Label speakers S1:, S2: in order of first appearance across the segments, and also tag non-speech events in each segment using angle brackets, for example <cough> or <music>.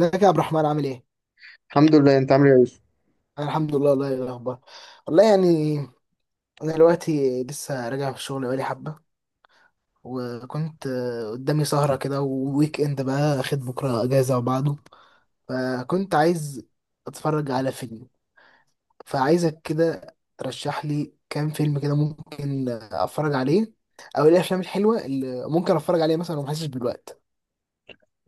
S1: ازيك يا عبد الرحمن، عامل ايه؟
S2: الحمد لله، انت عامل ايه يا يوسف؟
S1: انا الحمد لله. والله ايه الاخبار؟ والله يعني انا دلوقتي لسه راجع من الشغل بقالي حبه، وكنت قدامي سهره كده، وويك اند، بقى اخد بكره اجازه وبعده. فكنت عايز اتفرج على فيلم، فعايزك كده ترشح لي كام فيلم كده ممكن اتفرج عليه، او ايه الافلام الحلوه اللي ممكن اتفرج عليها مثلا وما احسش بالوقت.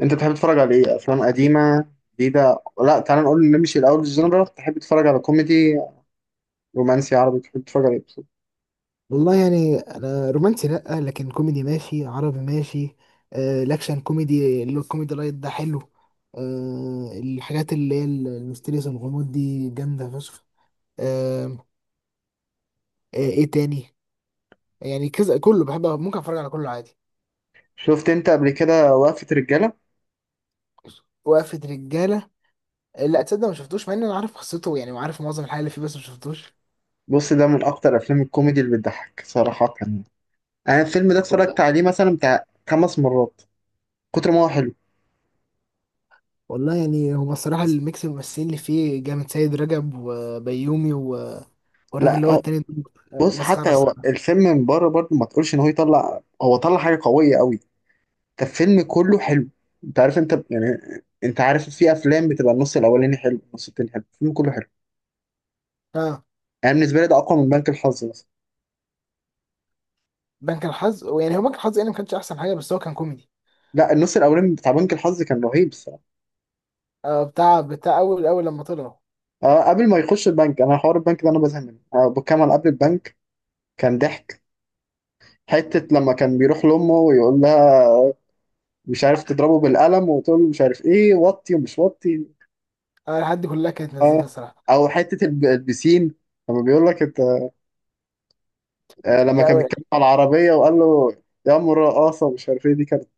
S2: انت بتحب تتفرج على ايه؟ افلام قديمه، جديده؟ لا، تعال نقول نمشي الاول الجنرال. تحب تتفرج على كوميدي، رومانسي، عربي؟ تحب تتفرج على ايه بالظبط؟
S1: والله يعني انا رومانسي لا، لكن كوميدي ماشي، عربي ماشي. الاكشن كوميدي، اللي هو الكوميدي لايت ده، حلو. الحاجات اللي هي الميستيريس، الغموض دي، جامده فشخ. آه ايه تاني؟ يعني كذا كله بحب، ممكن اتفرج على كله عادي.
S2: شفت انت قبل كده وقفه رجاله؟
S1: وقفة رجالة؟ آه، لا تصدق ما شفتوش، مع ان انا عارف قصته يعني وعارف معظم الحاجة اللي فيه، بس ما شفتوش.
S2: بص، ده من اكتر افلام الكوميدي اللي بتضحك صراحه يعني. انا الفيلم ده اتفرجت
S1: ولا-
S2: عليه مثلا بتاع خمس مرات، كتر ما هو حلو.
S1: والله يعني هو الصراحة الميكس الممثلين اللي فيه جامد، سيد رجب وبيومي والراجل اللي
S2: لا
S1: هو
S2: هو-
S1: التاني ده،
S2: بص،
S1: مسخرة
S2: حتى هو
S1: الصراحة.
S2: الفيلم من بره برضه ما تقولش ان هو يطلع، هو طلع حاجه قويه قوي، كان فيلم كله حلو. انت عارف انت يعني، انت عارف في افلام بتبقى النص الاولاني حلو، النص التاني حلو، الفيلم كله حلو. انا بالنسبه لي ده اقوى من بنك الحظ مثلا.
S1: بنك الحظ، يعني هو بنك الحظ يعني ما كانش احسن حاجه، بس هو كان كوميدي.
S2: لا، النص الاولاني بتاع بنك الحظ كان رهيب الصراحه.
S1: بتاع اول اول لما طلعوا،
S2: آه، قبل ما يخش البنك، انا حوار البنك ده انا بزهق منه، آه بكمل قبل البنك. كان ضحك حته لما كان بيروح لامه ويقول لها، مش عارف، تضربه بالقلم وتقول له مش عارف ايه، وطي ومش وطي.
S1: انا لحد كلها كانت
S2: اه،
S1: مزيكا الصراحه.
S2: او حته البسين لما بيقول لك انت. آه، لما كان
S1: لا.
S2: بيتكلم على العربيه وقال له يا ام الرقاصه مش عارف ايه، دي كانت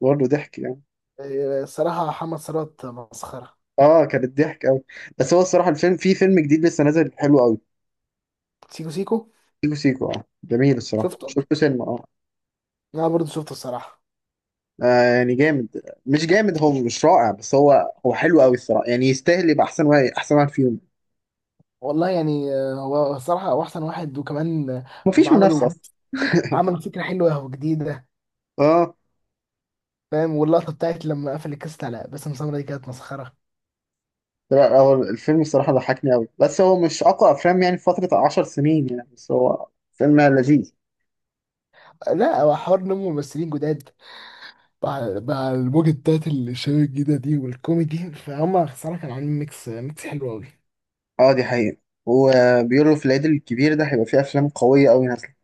S2: برضه ضحك يعني.
S1: آه، الصراحه محمد ثروت مسخره.
S2: اه، كانت ضحك قوي. بس هو الصراحه الفيلم، في فيلم جديد لسه نازل حلو قوي،
S1: سيكو سيكو؟
S2: سيكو سيكو. اه جميل الصراحه،
S1: شفته.
S2: شفته سينما، اه.
S1: انا برضو شفته الصراحه.
S2: يعني جامد مش جامد، هو مش رائع بس هو حلو قوي الصراحه يعني. يستاهل يبقى احسن واحد، احسن واحد فيهم.
S1: والله يعني هو الصراحه، هو احسن واحد، وكمان هم
S2: مفيش
S1: عملوا
S2: منافسه اصلا.
S1: عملوا فكره حلوه وجديده،
S2: اه.
S1: فاهم؟ واللقطه بتاعت لما قفل الكاست على باسم سمرة دي كانت مسخره.
S2: لا هو الفيلم الصراحه ضحكني قوي، بس هو مش اقوى افلام يعني في فتره 10 سنين يعني. بس هو فيلم لذيذ.
S1: لا، هو حوار نمو ممثلين جداد، مع الموجة بتاعت الشباب الجديدة دي، والكوميدي، فهم صراحة كانوا عاملين ميكس ميكس حلو أوي.
S2: اه، دي حقيقه. وبيقولوا في العيد الكبير ده هيبقى فيه افلام قويه قوي نازله.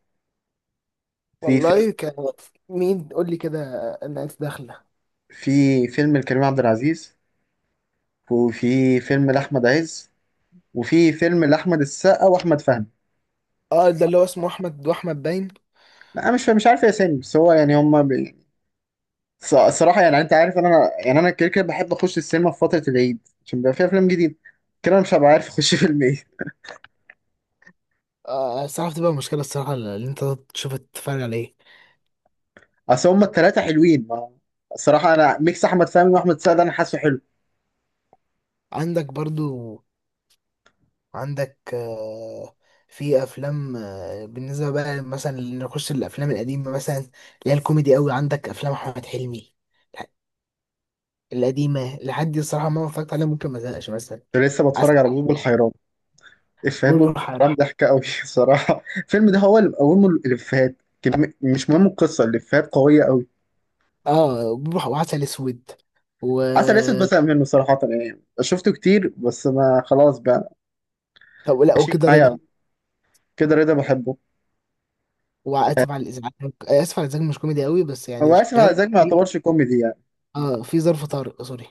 S2: في فيلم
S1: والله كان، مين قول لي كده، الناس داخله.
S2: في فيلم لكريم عبد العزيز، وفي فيلم لأحمد عز، وفي فيلم لأحمد السقا وأحمد فهمي.
S1: اه، ده اللي هو اسمه أحمد وأحمد باين.
S2: لا أنا مش عارف يا اسامي، بس هو يعني هما بي... صراحة يعني أنت عارف، أنا يعني أنا كده كده بحب أخش السينما في فترة العيد، عشان بيبقى فيها أفلام جديدة. كده أنا مش هبقى عارف أخش <laughs> فيلم إيه.
S1: الصراحة بتبقى مشكلة الصراحة اللي أنت تشوف تتفرج على إيه.
S2: أصل هما التلاتة حلوين، ما... الصراحة أنا ميكس أحمد فهمي وأحمد السقا ده أنا حاسه حلو.
S1: عندك برضو، عندك، في أفلام، بالنسبة بقى مثلا نخش الأفلام القديمة، مثلا اللي هي الكوميدي أوي، عندك أفلام أحمد حلمي القديمة، لحد دي الصراحة ما اتفرجت عليها، ممكن ما زهقش مثلا.
S2: كنت لسه بتفرج على بلبل حيران، إفيهات بلبل
S1: بوبوحة.
S2: حيران ضحكة أوي. <laughs> الصراحة الفيلم ده هو اللي مقومه الإفيهات. مش مهم القصة، الإفيهات قوية أوي.
S1: اه، بوبوحة وعسل اسود. و
S2: عسل اسود بزهق منه صراحة، يعني شفته كتير بس ما خلاص بقى.
S1: طب لا،
S2: ماشي
S1: وكده
S2: معايا
S1: رضا.
S2: أوي. كده رضا بحبه.
S1: واسف على الازعاج اسف على الازعاج مش كوميدي قوي بس
S2: هو
S1: يعني
S2: آسف على
S1: شغال،
S2: الإزعاج ما
S1: في
S2: يعتبرش كوميدي يعني.
S1: اه في ظرف طارق سوري.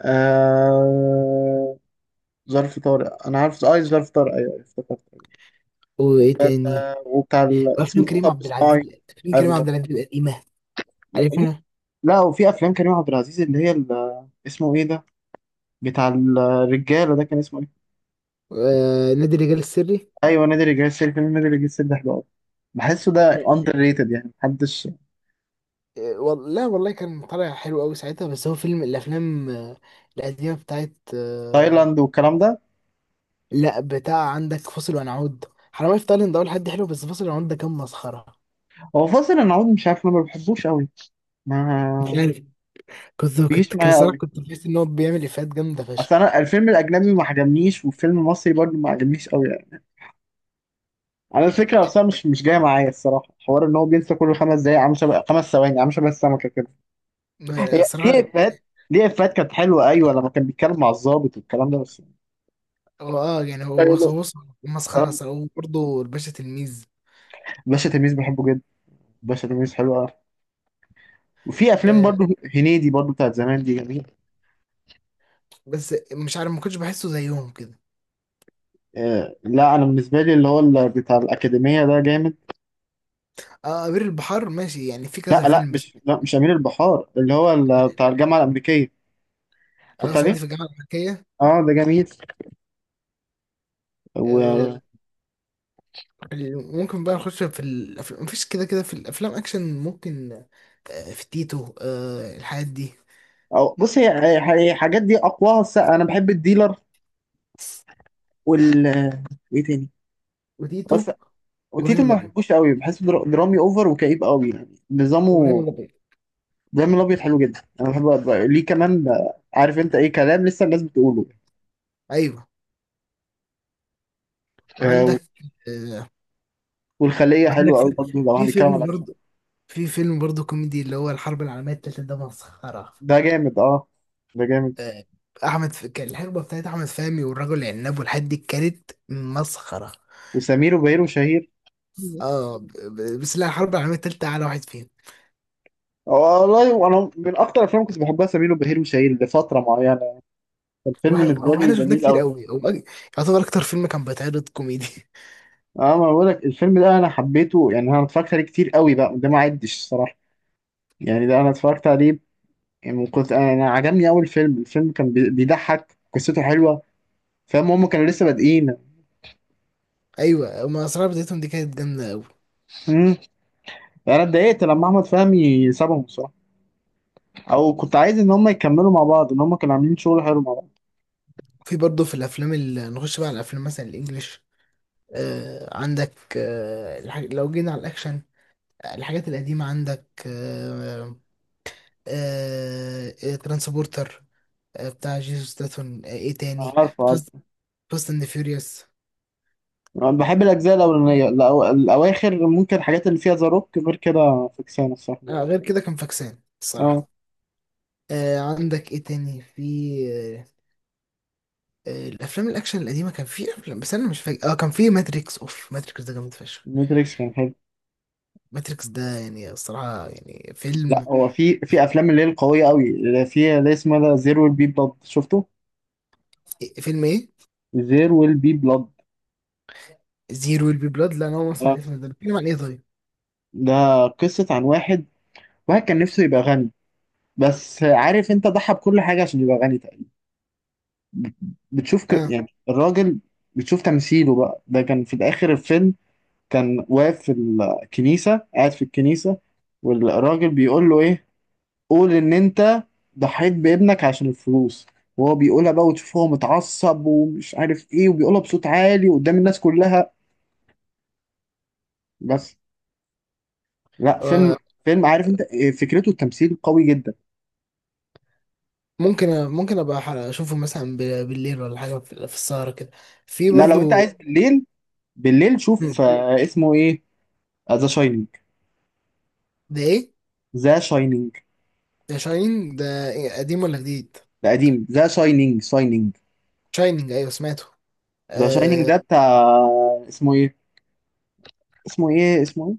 S2: آه... ظرف طارق أنا عارف أي ظرف طارق، أيوه أيوه افتكرت.
S1: وايه تاني؟
S2: آه، وبتاع ال... اسمه
S1: وافلام
S2: ده
S1: كريم
S2: مطب
S1: عبد العزيز
S2: صناعي.
S1: افلام كريم
S2: حلو.
S1: عبد العزيز القديمه،
S2: لا،
S1: عارفها؟
S2: وفي أفلام كريم عبد العزيز اللي هي ال... اسمه إيه ده، بتاع الرجالة ده كان اسمه إيه؟
S1: آه، نادي الرجال السري.
S2: أيوه، نادي الرجال السري. فيلم نادي الرجال السري ده حلو أوي. بحسه ده
S1: لا،
S2: أندر ريتد، يعني محدش.
S1: لا والله كان طالع حلو قوي ساعتها، بس هو فيلم الافلام القديمه بتاعت
S2: تايلاند والكلام ده.
S1: لا، بتاع عندك فاصل ونعود. حرامية في تايلاند ده اول حد حلو، بس فاصل ونعود ده كان مسخره.
S2: هو فاصل العود مش عارف، انا ما بحبوش قوي،
S1: مش
S2: ما
S1: عارف، كنت
S2: بيجيش
S1: كنت كان
S2: معايا
S1: الصراحة
S2: قوي.
S1: كنت بحس إن هو بيعمل إفيهات جامدة
S2: اصل
S1: فشخ.
S2: انا الفيلم الاجنبي ما عجبنيش، والفيلم المصري برضه ما عجبنيش قوي يعني. انا الفكره اصلا مش جايه معايا الصراحه، حوار ان هو بينسى كل خمس دقايق، عامل شبه خمس ثواني، عامل شبه السمكه كده. هي
S1: الصراحة
S2: ليه افيهات؟ ليه افيهات كانت حلوه، ايوه لما كان بيتكلم مع الضابط والكلام ده بس.
S1: هو أه يعني هو
S2: ايوه. لا.
S1: هو مسخرة
S2: آه.
S1: صراحة. وبرضه الباشا تلميذ.
S2: باشا تلميذ بحبه جدا، باشا تلميذ حلو قوي. وفي افلام
S1: آه،
S2: برضه هنيدي برضه بتاعت زمان دي جميله.
S1: بس مش عارف ما كنتش بحسه زيهم كده.
S2: آه، لا انا بالنسبه لي اللي هو ال- بتاع الاكاديميه ده جامد.
S1: أه، أمير البحار ماشي يعني، في كذا
S2: لا لا
S1: فيلم بس.
S2: مش، لا مش امير البحار، اللي هو
S1: ما-
S2: ال- بتاع الجامعه الامريكيه.
S1: أه،
S2: اتفرجت
S1: صعيدي
S2: عليه.
S1: في الجامعة الأمريكية.
S2: اه ده جميل.
S1: آه
S2: و،
S1: ممكن بقى نخش في الأفلام، مفيش كده كده في الأفلام أكشن ممكن، في تيتو، الحاجات دي.
S2: بص، الحاجات دي اقواها الس- انا بحب الديلر وال، ايه تاني
S1: وتيتو،
S2: بس.
S1: وإبراهيم
S2: وتيتو ما
S1: الأبيض،
S2: بحبوش قوي، بحسه در- درامي اوفر وكئيب قوي يعني
S1: وإبراهيم
S2: نظامه.
S1: الأبيض
S2: دايما الابيض حلو جدا، انا بحب أبقى- ليه كمان، عارف انت ايه كلام لسه الناس بتقوله.
S1: أيوه.
S2: آه،
S1: عندك آه،
S2: والخليه
S1: عندك
S2: حلوه
S1: في
S2: قوي برضه لو
S1: في
S2: هنتكلم على
S1: فيلم
S2: الاكشن.
S1: برضه، في فيلم برضه كوميدي اللي هو الحرب العالمية التالتة، ده مسخرة.
S2: ده جامد، اه ده جامد.
S1: آه، كان الحقبة بتاعت أحمد فهمي والرجل العناب والحاجات دي كانت مسخرة.
S2: وسمير وبهير وشهير.
S1: بس لا، الحرب العالمية التالتة أعلى واحد فيهم.
S2: والله وانا من اكتر الافلام كنت بحبها سمير وبهير وشهير لفتره معينه،
S1: هو
S2: الفيلم
S1: إحنا
S2: بالنسبه
S1: هو
S2: لي
S1: إحنا شفناه
S2: جميل
S1: كتير
S2: قوي.
S1: قوي، يعتبر أكتر فيلم كان بيتعرض كوميدي. <laughs>
S2: اه ما بقول لك، الفيلم ده انا حبيته يعني، انا اتفرجت عليه كتير قوي بقى ده، ما عدش الصراحه يعني. ده انا اتفرجت عليه يعني. كنت انا، أنا عجبني اول فيلم، الفيلم كان بي- بيضحك، قصته حلوه. فاهم هم كانوا لسه بادئين.
S1: أيوة، هما أسرار بدايتهم دي كانت جامدة قوي.
S2: امم انا اتضايقت لما احمد فهمي سابهم الصراحه، او كنت عايز ان هم يكملوا مع بعض، ان هم كانوا عاملين شغل حلو مع بعض.
S1: في برضه في الأفلام اللي نخش بقى على الأفلام، مثلا الإنجليش، عندك، لو جينا على الأكشن، الحاجات القديمة عندك، ترانسبورتر، بتاع جيسوس ستاثام. ايه تاني؟
S2: عارف.
S1: فاست فاست اند فيوريوس.
S2: أنا بحب الأجزاء الأولانية، الأو- الأواخر ممكن الحاجات اللي فيها ذا روك، غير كده فكسانة الصراحة.
S1: غير كده كان فاكسان الصراحة.
S2: اه.
S1: عندك ايه تاني في، آه الافلام الاكشن القديمة كان في افلام بس انا مش فاكر. اه كان في ماتريكس، اوف ماتريكس ده جامد فشخ.
S2: ماتريكس كان حلو.
S1: ماتريكس ده يعني الصراحة يعني
S2: لا
S1: فيلم.
S2: هو في أفلام اللي هي القوية أوي اللي فيها اللي اسمها ده زير ويل بي بلاد، شفته؟
S1: فيلم ايه؟
S2: زير ويل بي بلاد،
S1: زيرو ويل بي بلاد؟ لا، انا اول مرة اسمع
S2: اه.
S1: الاسم ده، بيتكلم عن ايه طيب؟
S2: ده قصة عن واحد، كان نفسه يبقى غني، بس عارف انت ضحى بكل حاجة عشان يبقى غني تقريبا. بتشوف ك...
S1: اه.
S2: يعني الراجل، بتشوف تمثيله بقى، ده كان في الآخر الفيلم، كان واقف في الكنيسة، قاعد في الكنيسة، والراجل بيقول له ايه، قول ان انت ضحيت بابنك عشان الفلوس، وهو بيقولها بقى، وتشوفه هو متعصب ومش عارف ايه، وبيقولها بصوت عالي قدام الناس كلها. بس. لا،
S1: آه،
S2: فيلم عارف انت إيه، فكرته التمثيل قوي جدا.
S1: ممكن ابقى اشوفه مثلا، بالليل ولا حاجة، في السهرة كده. في
S2: لا لو انت
S1: برضو.
S2: عايز بالليل، بالليل شوف، اسمه ايه، ذا شاينينج.
S1: ده ايه؟
S2: ذا شاينينج
S1: ده شاينين ده. إيه؟ قديم ولا جديد؟
S2: ده قديم، ذا شاينينج، شاينينج،
S1: شاينينج؟ ايوه سمعته.
S2: ذا شاينينج
S1: آه...
S2: ده بتاع، اسمه ايه، اسمه ايه، اسمه ايه،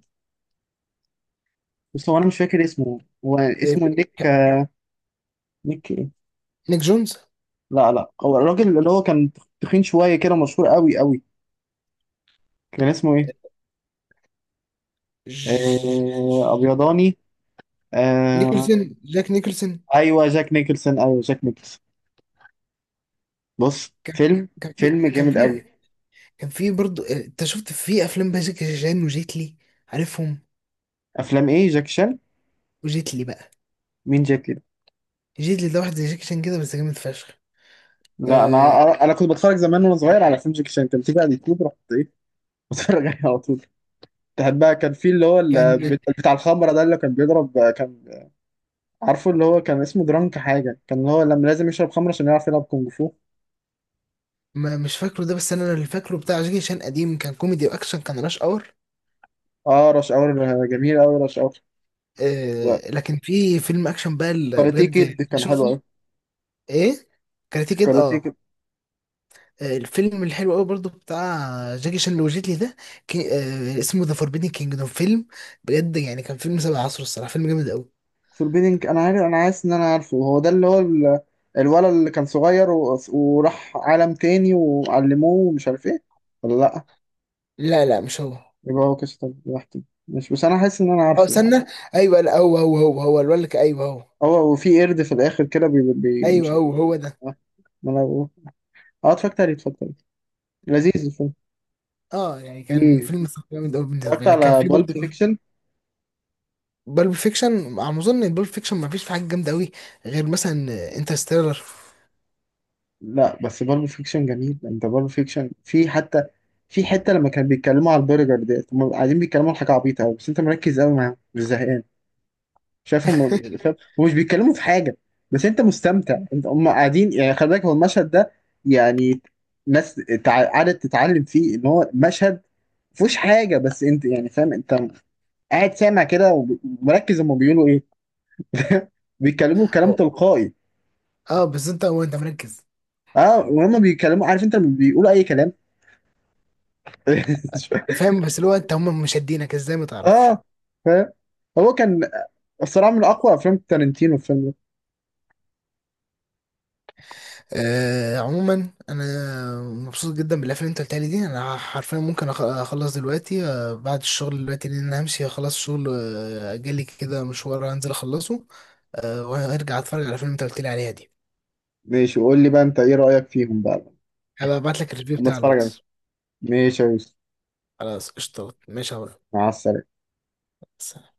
S2: بس هو انا مش فاكر اسمه، هو
S1: إيه
S2: اسمه
S1: ب-
S2: نيك،
S1: ك-
S2: نيك إيه؟
S1: نيك جونز؟
S2: لا لا، هو الراجل اللي هو كان تخين شوية كده، مشهور قوي قوي، كان اسمه ايه؟
S1: ج-
S2: أبيضاني. آه.
S1: نيكلسون، جاك نيكلسون.
S2: أيوه جاك نيكلسون، أيوه جاك نيكلسون. بص
S1: كان
S2: فيلم،
S1: كان في
S2: فيلم
S1: كان
S2: جامد قوي.
S1: في كان في برضه انت شفت في افلام بقى جاكي شان وجيتلي؟ عارفهم.
S2: أفلام ايه جاك شان؟
S1: وجيتلي بقى،
S2: مين جاك كده؟
S1: جيتلي ده واحد زي جاكي شان كده بس جامد فشخ.
S2: لا
S1: آه...
S2: أنا، أنا كنت بتفرج زمان وأنا صغير على فيلم جاك شان، كان بتيجي على اليوتيوب، رحت ايه <laughs> بتفرج عليه على طول. تحب بقى كان في اللي هو
S1: كان
S2: ال- بتاع الخمرة ده اللي كان بيضرب، كان عارفه اللي هو كان اسمه درانك حاجة، كان اللي هو لما لازم يشرب خمرة عشان يعرف يلعب كونج فو.
S1: ما مش فاكره ده، بس انا اللي فاكره بتاع جاكي شان قديم كان كوميدي واكشن، كان راش اور.
S2: اه، رش اور، جميل قوي رش اور.
S1: لكن في فيلم اكشن بقى، اللي
S2: وكاراتيه
S1: بجد
S2: كيد كان حلو
S1: شوفه
S2: قوي.
S1: ايه؟ كاراتيه كيد،
S2: كاراتيه
S1: اه.
S2: كيد.
S1: الفيلم الحلو قوي برضو بتاع جاكي شان اللي وجيت لي ده، كي... اسمه ذا فوربيدن كينجدوم. فيلم بجد يعني كان فيلم 7 عصر الصراحه، فيلم جامد قوي.
S2: فوربيدنج انا عارف، انا عايز ان انا عارفه، هو ده اللي هو ال- الولد اللي كان صغير و... وراح عالم تاني وعلموه ومش عارف ايه؟ ولا لا،
S1: لا لا، مش هو.
S2: يبقى هو كسر لوحدي مش، بس انا حاسس ان انا
S1: اه،
S2: عارفه.
S1: استنى. ايوه لا، هو هو الولد، ايوه هو.
S2: هو وفي قرد في الاخر كده بي... بي...
S1: ايوه
S2: مش عارف،
S1: هو ده.
S2: اه، ما أنا بقول. اتفرجت عليه، اتفرجت عليه، لذيذ الفيلم.
S1: اه يعني كان
S2: مم.
S1: فيلم الصراحة جامد قوي
S2: اتفرجت
S1: بالنسبه لي. كان
S2: على
S1: في
S2: بالب
S1: برضه
S2: فيكشن.
S1: بالب فيكشن، على ما اظن ان بالب فيكشن ما فيش في حاجه جامده قوي غير مثلا انترستيلر.
S2: لا بس بالب فيكشن جميل، انت بالب فيكشن في حتى، في حته لما كانوا بيتكلموا على البرجر ديت، هم قاعدين بيتكلموا على حاجه عبيطه قوي، بس انت مركز قوي معاهم مش زهقان. شايفهم
S1: <laughs>
S2: شايف، ومش بيتكلموا في حاجه، بس انت مستمتع. انت هم قاعدين يعني، خلي بالك هو المشهد ده يعني، ناس تع- قعدت تتعلم فيه ان هو مشهد مفهوش حاجه، بس انت يعني فاهم، انت قاعد سامع كده وب- ومركز هم بيقولوا ايه. <laughs> بيتكلموا كلام تلقائي.
S1: اه، بس انت انت مركز.
S2: اه، وهم بيتكلموا عارف انت لما بيقولوا اي كلام. <laughs>
S1: فاهم؟ بس اللي هو انت هم مشدينك ازاي ما تعرفش.
S2: اه فاهم. هو كان الصراحه من اقوى افلام تارنتينو الفيلم ده.
S1: عموما انا مبسوط جدا بالافلام اللي انت قلتها لي دي. انا حرفيا ممكن اخلص دلوقتي بعد الشغل دلوقتي، لان انا همشي اخلص الشغل، جالي كده مشوار هنزل اخلصه، وهرجع اتفرج على الافلام اللي انت قلت لي عليها دي،
S2: ماشي، وقول لي بقى انت ايه رايك فيهم بقى
S1: هبقى ابعت لك الريفيو
S2: لما
S1: بتاع
S2: اتفرج عليهم.
S1: الواتس.
S2: ماشي يا يوسف،
S1: خلاص قشطة، ماشي يا
S2: مع السلامه
S1: عمرو.